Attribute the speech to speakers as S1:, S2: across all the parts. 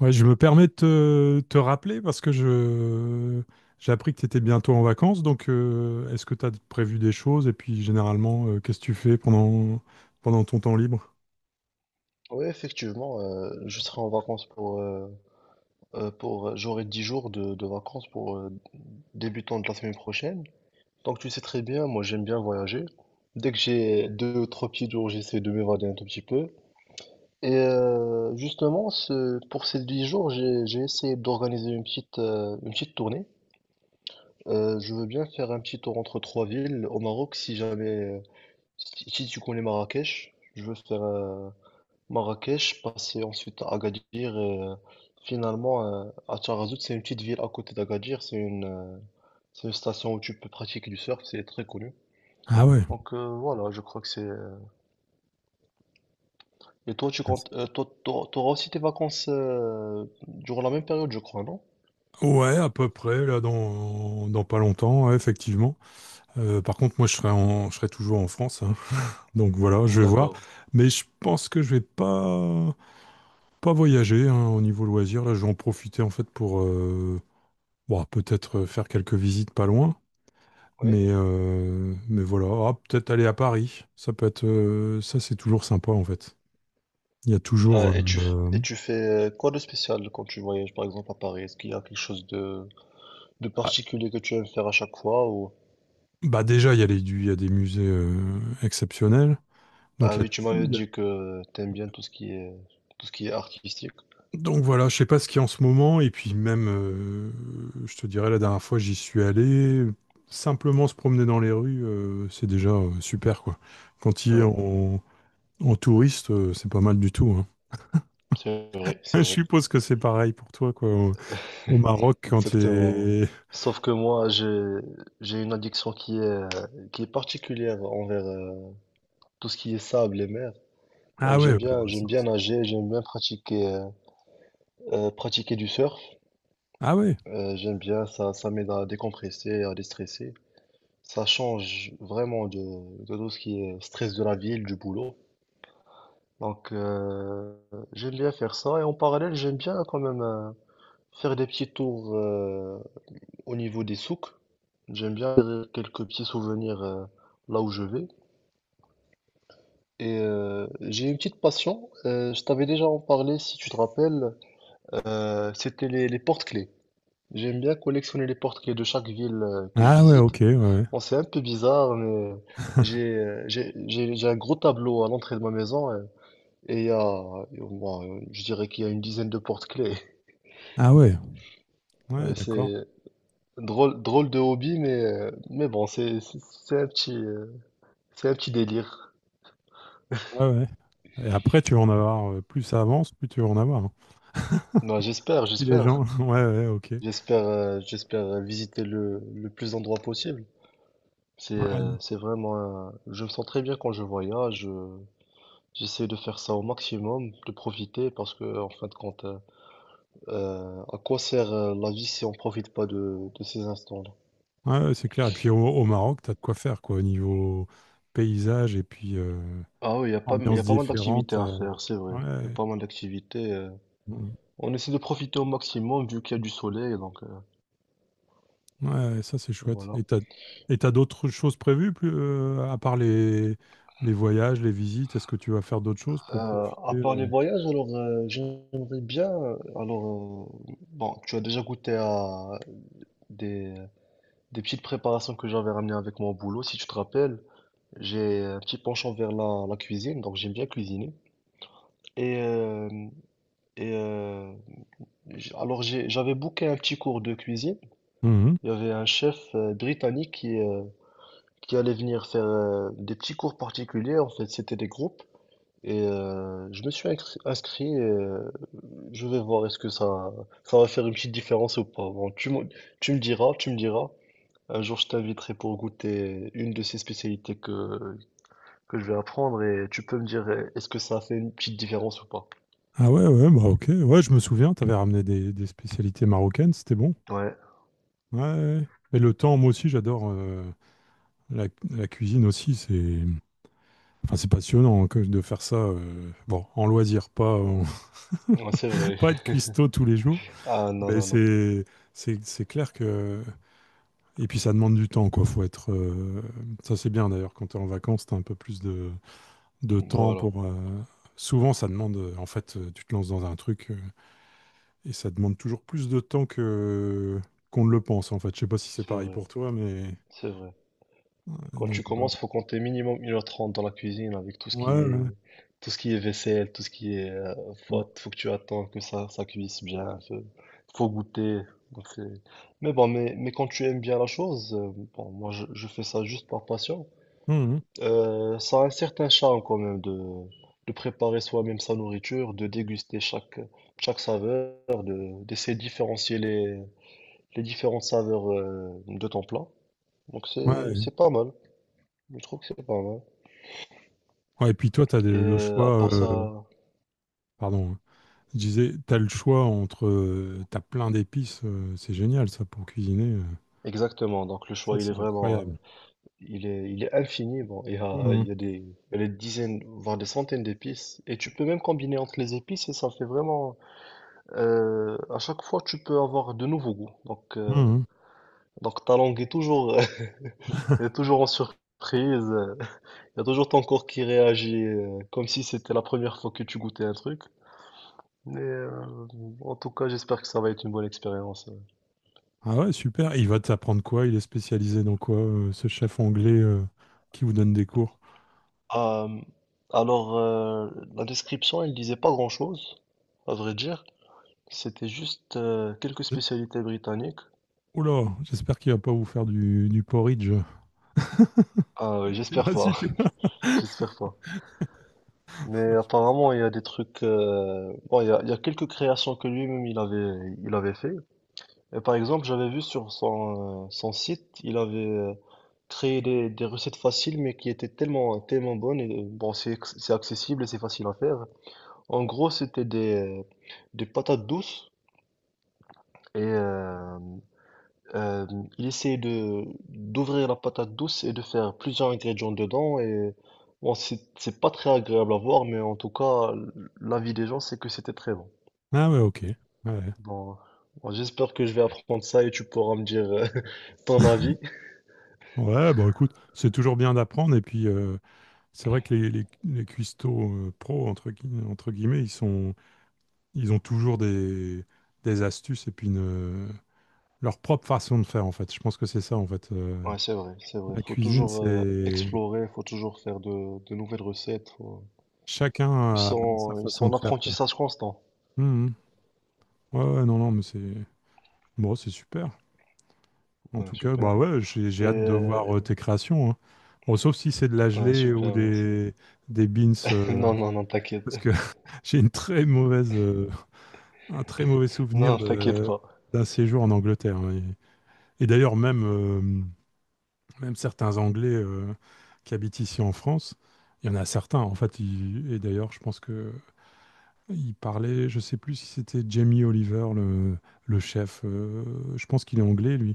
S1: Ouais, je me permets de te rappeler parce que je j'ai appris que tu étais bientôt en vacances, donc est-ce que tu as prévu des choses et puis généralement qu'est-ce que tu fais pendant ton temps libre?
S2: Oui, effectivement, je serai en vacances pour j'aurai 10 jours de vacances pour débutant de la semaine prochaine. Donc tu sais très bien, moi j'aime bien voyager. Dès que j'ai deux, ou trois petits jours, j'essaie de m'évader un tout petit peu. Justement, pour ces 10 jours, j'ai essayé d'organiser une une petite tournée. Je veux bien faire un petit tour entre trois villes au Maroc, si jamais, si tu connais Marrakech, je veux faire, Marrakech, passé ensuite à Agadir et euh, finalement euh, à Tarazout, c'est une petite ville à côté d'Agadir, c'est c'est une station où tu peux pratiquer du surf, c'est très connu.
S1: Ah ouais.
S2: Donc voilà, je crois que c'est… Et toi, tu comptes, toi, t'auras aussi tes vacances durant la même période, je crois, non?
S1: Ouais, à peu près, là, dans pas longtemps, ouais, effectivement. Par contre, moi, je serai toujours en France, hein. Donc voilà, je vais voir.
S2: D'accord.
S1: Mais je pense que je vais pas, pas voyager, hein, au niveau loisir. Là, je vais en profiter, en fait, pour, bon, peut-être faire quelques visites pas loin.
S2: Oui.
S1: Mais voilà. Ah, peut-être aller à Paris, ça peut être, ça c'est toujours sympa en fait. Il y a
S2: Ah,
S1: toujours,
S2: et tu fais quoi de spécial.
S1: ah, bah déjà il y a il y a des musées exceptionnels. Donc
S2: Ah
S1: il y a-
S2: oui, tu m'avais
S1: il y a-
S2: dit que t'aimes bien tout ce qui est tout ce qui est artistique.
S1: donc voilà, je sais pas ce qu'il y a en ce moment et puis même, je te dirais la dernière fois j'y suis allé, simplement se promener dans les rues, c'est déjà super quoi. Quand il est
S2: Ouais,
S1: en, En touriste, c'est pas mal du tout, hein.
S2: c'est vrai, c'est
S1: Je
S2: vrai.
S1: suppose que c'est pareil pour toi quoi. Au Maroc, quand tu
S2: Exactement.
S1: es...
S2: Sauf que moi, j'ai une addiction qui est particulière envers tout ce qui est sable et mer.
S1: Ah
S2: Donc
S1: ouais,
S2: j'aime
S1: ouais, bah,
S2: bien j'aime
S1: ça
S2: bien
S1: aussi.
S2: nager, j'aime bien pratiquer du surf.
S1: Ah ouais.
S2: J'aime bien ça m'aide à décompresser, à déstresser. Ça change vraiment de tout ce qui est stress de la ville, du boulot. Donc j'aime bien faire ça. Et en parallèle, j'aime bien quand même faire des petits tours au niveau des souks. J'aime bien faire quelques petits souvenirs là où je vais. Et j'ai une petite passion. Je t'avais déjà en parlé, si tu te rappelles. C'était les porte-clés. J'aime bien collectionner les porte-clés de chaque ville que je
S1: Ah ouais,
S2: visite.
S1: ok, ouais, ouais.
S2: Bon, c'est un peu bizarre, mais j'ai un gros tableau à l'entrée de ma maison. Et il y a, et bon, je dirais qu'il y a une dizaine de porte-clés.
S1: Ah ouais. Ouais,
S2: Ouais,
S1: d'accord.
S2: c'est drôle, drôle de hobby, mais bon, c'est un c'est un petit délire.
S1: Ouais, ouais. Et après, tu vas en avoir, plus ça avance, plus tu vas en avoir, hein.
S2: Non, j'espère,
S1: Si les
S2: j'espère,
S1: gens, ouais, ouais, ok.
S2: j'espère, euh, j'espère visiter le plus d'endroits possible.
S1: Ouais,
S2: C'est vraiment, je me sens très bien quand je voyage. J'essaie de faire ça au maximum, de profiter, parce que en fin de compte, à quoi sert la vie si on profite pas de ces instants-là?
S1: ouais, ouais, c'est clair. Et puis au Maroc, t'as de quoi faire, quoi, au niveau paysage et puis
S2: Ah oui, il y
S1: ambiance
S2: a pas mal
S1: différente,
S2: d'activités à faire, c'est vrai. Il y a
S1: ouais.
S2: pas mal d'activités.
S1: Mm.
S2: On essaie de profiter au maximum vu qu'il y a du soleil, donc
S1: Ouais, ça c'est chouette.
S2: voilà.
S1: Et t'as d'autres choses prévues, plus, à part les voyages, les visites, est-ce que tu vas faire d'autres choses pour profiter?
S2: À part les voyages, j'aimerais bien. Alors, bon, tu as déjà goûté à des, des petites préparations que j'avais ramenées avec mon boulot, si tu te rappelles. J'ai un petit penchant vers la cuisine, donc j'aime bien cuisiner. Et, euh, et euh, J'avais booké un petit cours de cuisine.
S1: euh,
S2: Il y avait un chef britannique qui allaient venir faire des petits cours particuliers. En fait, c'était des groupes. Et je me suis inscrit. Je vais voir est-ce que ça va faire une petite différence ou pas. Bon, tu me diras, tu me diras. Un jour, je t'inviterai pour goûter une de ces spécialités que je vais apprendre et tu peux me dire est-ce que ça a fait une petite différence ou pas.
S1: Ah ouais, ouais, bah ok. Ouais, je me souviens, t'avais ramené des spécialités marocaines, c'était bon.
S2: Ouais,
S1: Ouais, ouais. Et le temps, moi aussi, j'adore la, la cuisine aussi. C'est, enfin, c'est passionnant hein, que de faire ça. Bon, en loisir, pas, en-
S2: ouais, c'est vrai.
S1: pas être cuistot tous les jours.
S2: Ah non,
S1: Mais
S2: non, non.
S1: c'est, c'est clair que... Et puis ça demande du temps, quoi. Faut être, ça c'est bien d'ailleurs. Quand t'es en vacances, t'as un peu plus de temps
S2: Voilà,
S1: pour, souvent, ça demande, en fait, tu te lances dans un truc, et ça demande toujours plus de temps que qu'on ne le pense, en fait. Je sais pas si c'est
S2: c'est
S1: pareil
S2: vrai,
S1: pour toi, mais
S2: c'est vrai.
S1: ouais,
S2: Quand
S1: donc
S2: tu
S1: voilà.
S2: commences, faut compter minimum 1h30 dans la cuisine avec tout ce qui
S1: Ouais,
S2: est
S1: ouais.
S2: tout ce qui est vaisselle, tout ce qui est
S1: Mmh.
S2: faut que tu attends que ça cuise bien, faut goûter. Donc c'est- mais bon, mais quand tu aimes bien la chose, bon, je fais ça juste par passion.
S1: Mmh, mmh.
S2: Ça a un certain charme quand même de préparer soi-même sa nourriture, de déguster chaque chaque saveur, de d'essayer de différencier les différentes saveurs de ton plat. Donc
S1: Ouais.
S2: c'est pas mal. Je trouve que c'est pas mal.
S1: Ouais, et puis toi, tu as
S2: Et
S1: le
S2: euh, à
S1: choix,
S2: part ça,
S1: pardon, hein. Je disais, tu as le choix entre, tu as plein d'épices, c'est génial ça pour cuisiner.
S2: exactement. Donc le
S1: Ça
S2: choix, il est
S1: c'est
S2: vraiment, euh,
S1: incroyable.
S2: il est, il est infini. Bon,
S1: Mmh,
S2: il y a il y a des dizaines, voire des centaines d'épices. Et tu peux même combiner entre les épices et ça fait vraiment, à chaque fois, tu peux avoir de nouveaux goûts. Donc, euh,
S1: mmh.
S2: donc ta langue est toujours, est toujours en surprise. euh, Il y a toujours ton corps qui réagit comme si c'était la première fois que tu goûtais un truc. Mais en tout cas, j'espère que ça va être une bonne expérience.
S1: Ah ouais, super. Et il va t'apprendre quoi? Il est spécialisé dans quoi, ce chef anglais qui vous donne des cours?
S2: Ah, alors, la description, elle disait pas grand-chose, à vrai dire. C'était juste quelques spécialités britanniques.
S1: Oula, j'espère qu'il va pas vous faire du porridge.
S2: Ah,
S1: Je
S2: ouais,
S1: sais
S2: j'espère
S1: pas
S2: pas,
S1: si tu...
S2: j'espère pas. Mais apparemment, il y a des trucs. Bon, il y a quelques créations que lui-même il avait fait. Et par exemple, j'avais vu sur son site, il avait créé des recettes faciles, mais qui étaient tellement, tellement bonnes. Et bon, c'est accessible et c'est facile à faire. En gros, c'était des patates douces. Et euh, il essayait de d'ouvrir la patate douce et de faire plusieurs ingrédients dedans. Et bon, c'est pas très agréable à voir, mais en tout cas, l'avis des gens, c'est que c'était très bon.
S1: Ah ouais, ok. Ouais.
S2: Bon, bon, j'espère que je vais apprendre ça et tu pourras me dire ton avis.
S1: Ouais, bah écoute, c'est toujours bien d'apprendre. Et puis, c'est vrai que les cuistots pro, entre guillemets, ils ont toujours des astuces et puis leur propre façon de faire, en fait. Je pense que c'est ça, en fait.
S2: Ouais, c'est vrai, c'est vrai.
S1: La
S2: Faut
S1: cuisine,
S2: toujours
S1: c'est...
S2: explorer, faut toujours faire de nouvelles recettes.
S1: Chacun a sa
S2: Ils sont
S1: façon de
S2: en
S1: faire, quoi.
S2: apprentissage constant.
S1: Mhm. Ouais, ouais, non, non, mais c'est... Bon, c'est super. En
S2: Ouais,
S1: tout cas, bah
S2: super.
S1: ouais, j'ai
S2: Et
S1: hâte de
S2: euh,
S1: voir tes créations, hein. Bon, sauf si c'est de la
S2: ouais,
S1: gelée ou
S2: super, merci.
S1: des beans,
S2: Non, non, non, t'inquiète.
S1: parce que j'ai une très mauvaise, un très mauvais souvenir
S2: Non, t'inquiète
S1: de,
S2: pas.
S1: d'un séjour en Angleterre, hein. Et d'ailleurs, même, même certains Anglais qui habitent ici en France, il y en a certains, en fait, et d'ailleurs, je pense que ils parlaient, je sais plus si c'était Jamie Oliver, le chef, je pense qu'il est anglais, lui.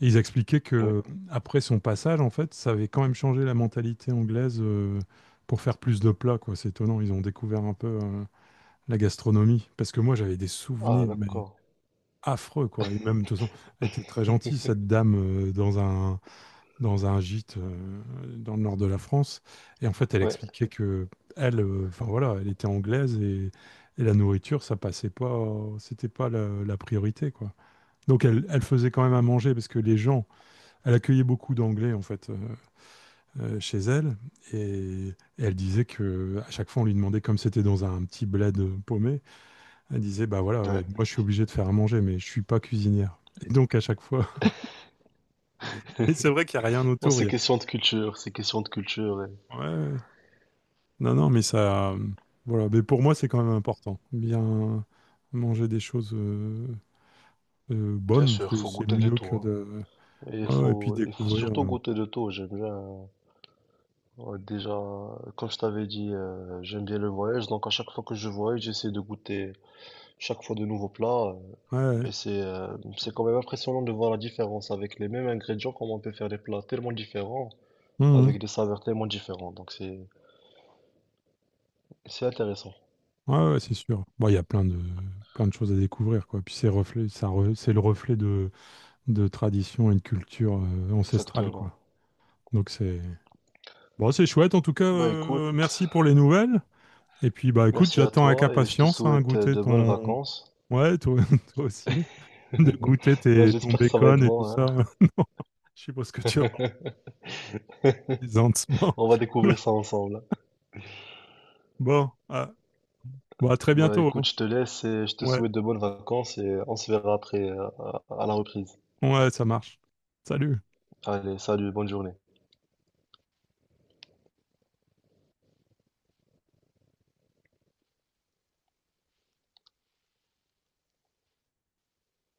S1: Et ils expliquaient
S2: Oui.
S1: que après son passage, en fait, ça avait quand même changé la mentalité anglaise, pour faire plus de plats, quoi. C'est étonnant, ils ont découvert un peu, la gastronomie, parce que moi j'avais des
S2: Ah,
S1: souvenirs mais
S2: d'accord.
S1: affreux quoi. Et même de toute façon, elle était très gentille cette dame, dans un gîte, dans le nord de la France, et en fait elle
S2: Ouais,
S1: expliquait qu'elle, enfin voilà, elle était anglaise, et la nourriture ça passait pas, c'était pas la priorité quoi. Donc elle faisait quand même à manger parce que les gens, elle accueillait beaucoup d'anglais en fait, chez elle, et et elle disait que à chaque fois on lui demandait, comme c'était dans un petit bled, paumé, elle disait, bah voilà, ouais,
S2: ouais.
S1: moi je suis obligée de faire à manger, mais je suis pas cuisinière. Et donc à chaque fois, et c'est vrai qu'il n'y a rien
S2: Non,
S1: autour. Il
S2: c'est
S1: y
S2: question de culture, c'est question de culture.
S1: a... ouais, ouais. Non, non, mais ça, voilà. Mais pour moi, c'est quand même important. Bien manger des choses
S2: Bien
S1: bonnes,
S2: sûr, faut
S1: c'est
S2: goûter de
S1: mieux
S2: tout,
S1: que
S2: hein.
S1: de...
S2: Et
S1: Ouais, ouais, et puis
S2: il faut
S1: découvrir,
S2: surtout
S1: euh.
S2: goûter de tout. J'aime bien, ouais, déjà, comme je t'avais dit, j'aime bien le voyage. Donc, à chaque fois que je voyage, j'essaie de goûter chaque fois de nouveaux plats.
S1: Ouais, ouais.
S2: Et c'est quand même impressionnant de voir la différence avec les mêmes ingrédients, comment on peut faire des plats tellement différents,
S1: Mhm.
S2: avec des saveurs tellement différentes. Donc c'est intéressant.
S1: Ouais, ouais, c'est sûr. Bon, il y a plein de choses à découvrir, quoi. Puis c'est reflet, ça, c'est le reflet de tradition et de culture ancestrale,
S2: Exactement.
S1: quoi. Donc c'est... Bon, c'est chouette en tout cas,
S2: Bah,
S1: merci
S2: écoute.
S1: pour les nouvelles. Et puis bah écoute,
S2: Merci à
S1: j'attends avec
S2: toi et je te
S1: impatience hein,
S2: souhaite
S1: goûter
S2: de bonnes
S1: ton...
S2: vacances.
S1: Ouais, toi, toi aussi, de goûter
S2: Bah,
S1: ton
S2: j'espère que ça va être
S1: bacon et tout
S2: bon, hein.
S1: ça. Je sais pas ce que tu as, partisan.
S2: On va découvrir ça ensemble.
S1: Bon, ah, bon, à très
S2: Bah,
S1: bientôt, hein.
S2: écoute, je te laisse et je te
S1: Ouais,
S2: souhaite de bonnes vacances et on se verra après, à la reprise.
S1: ouais, ça marche. Salut.
S2: Allez, salut, bonne journée.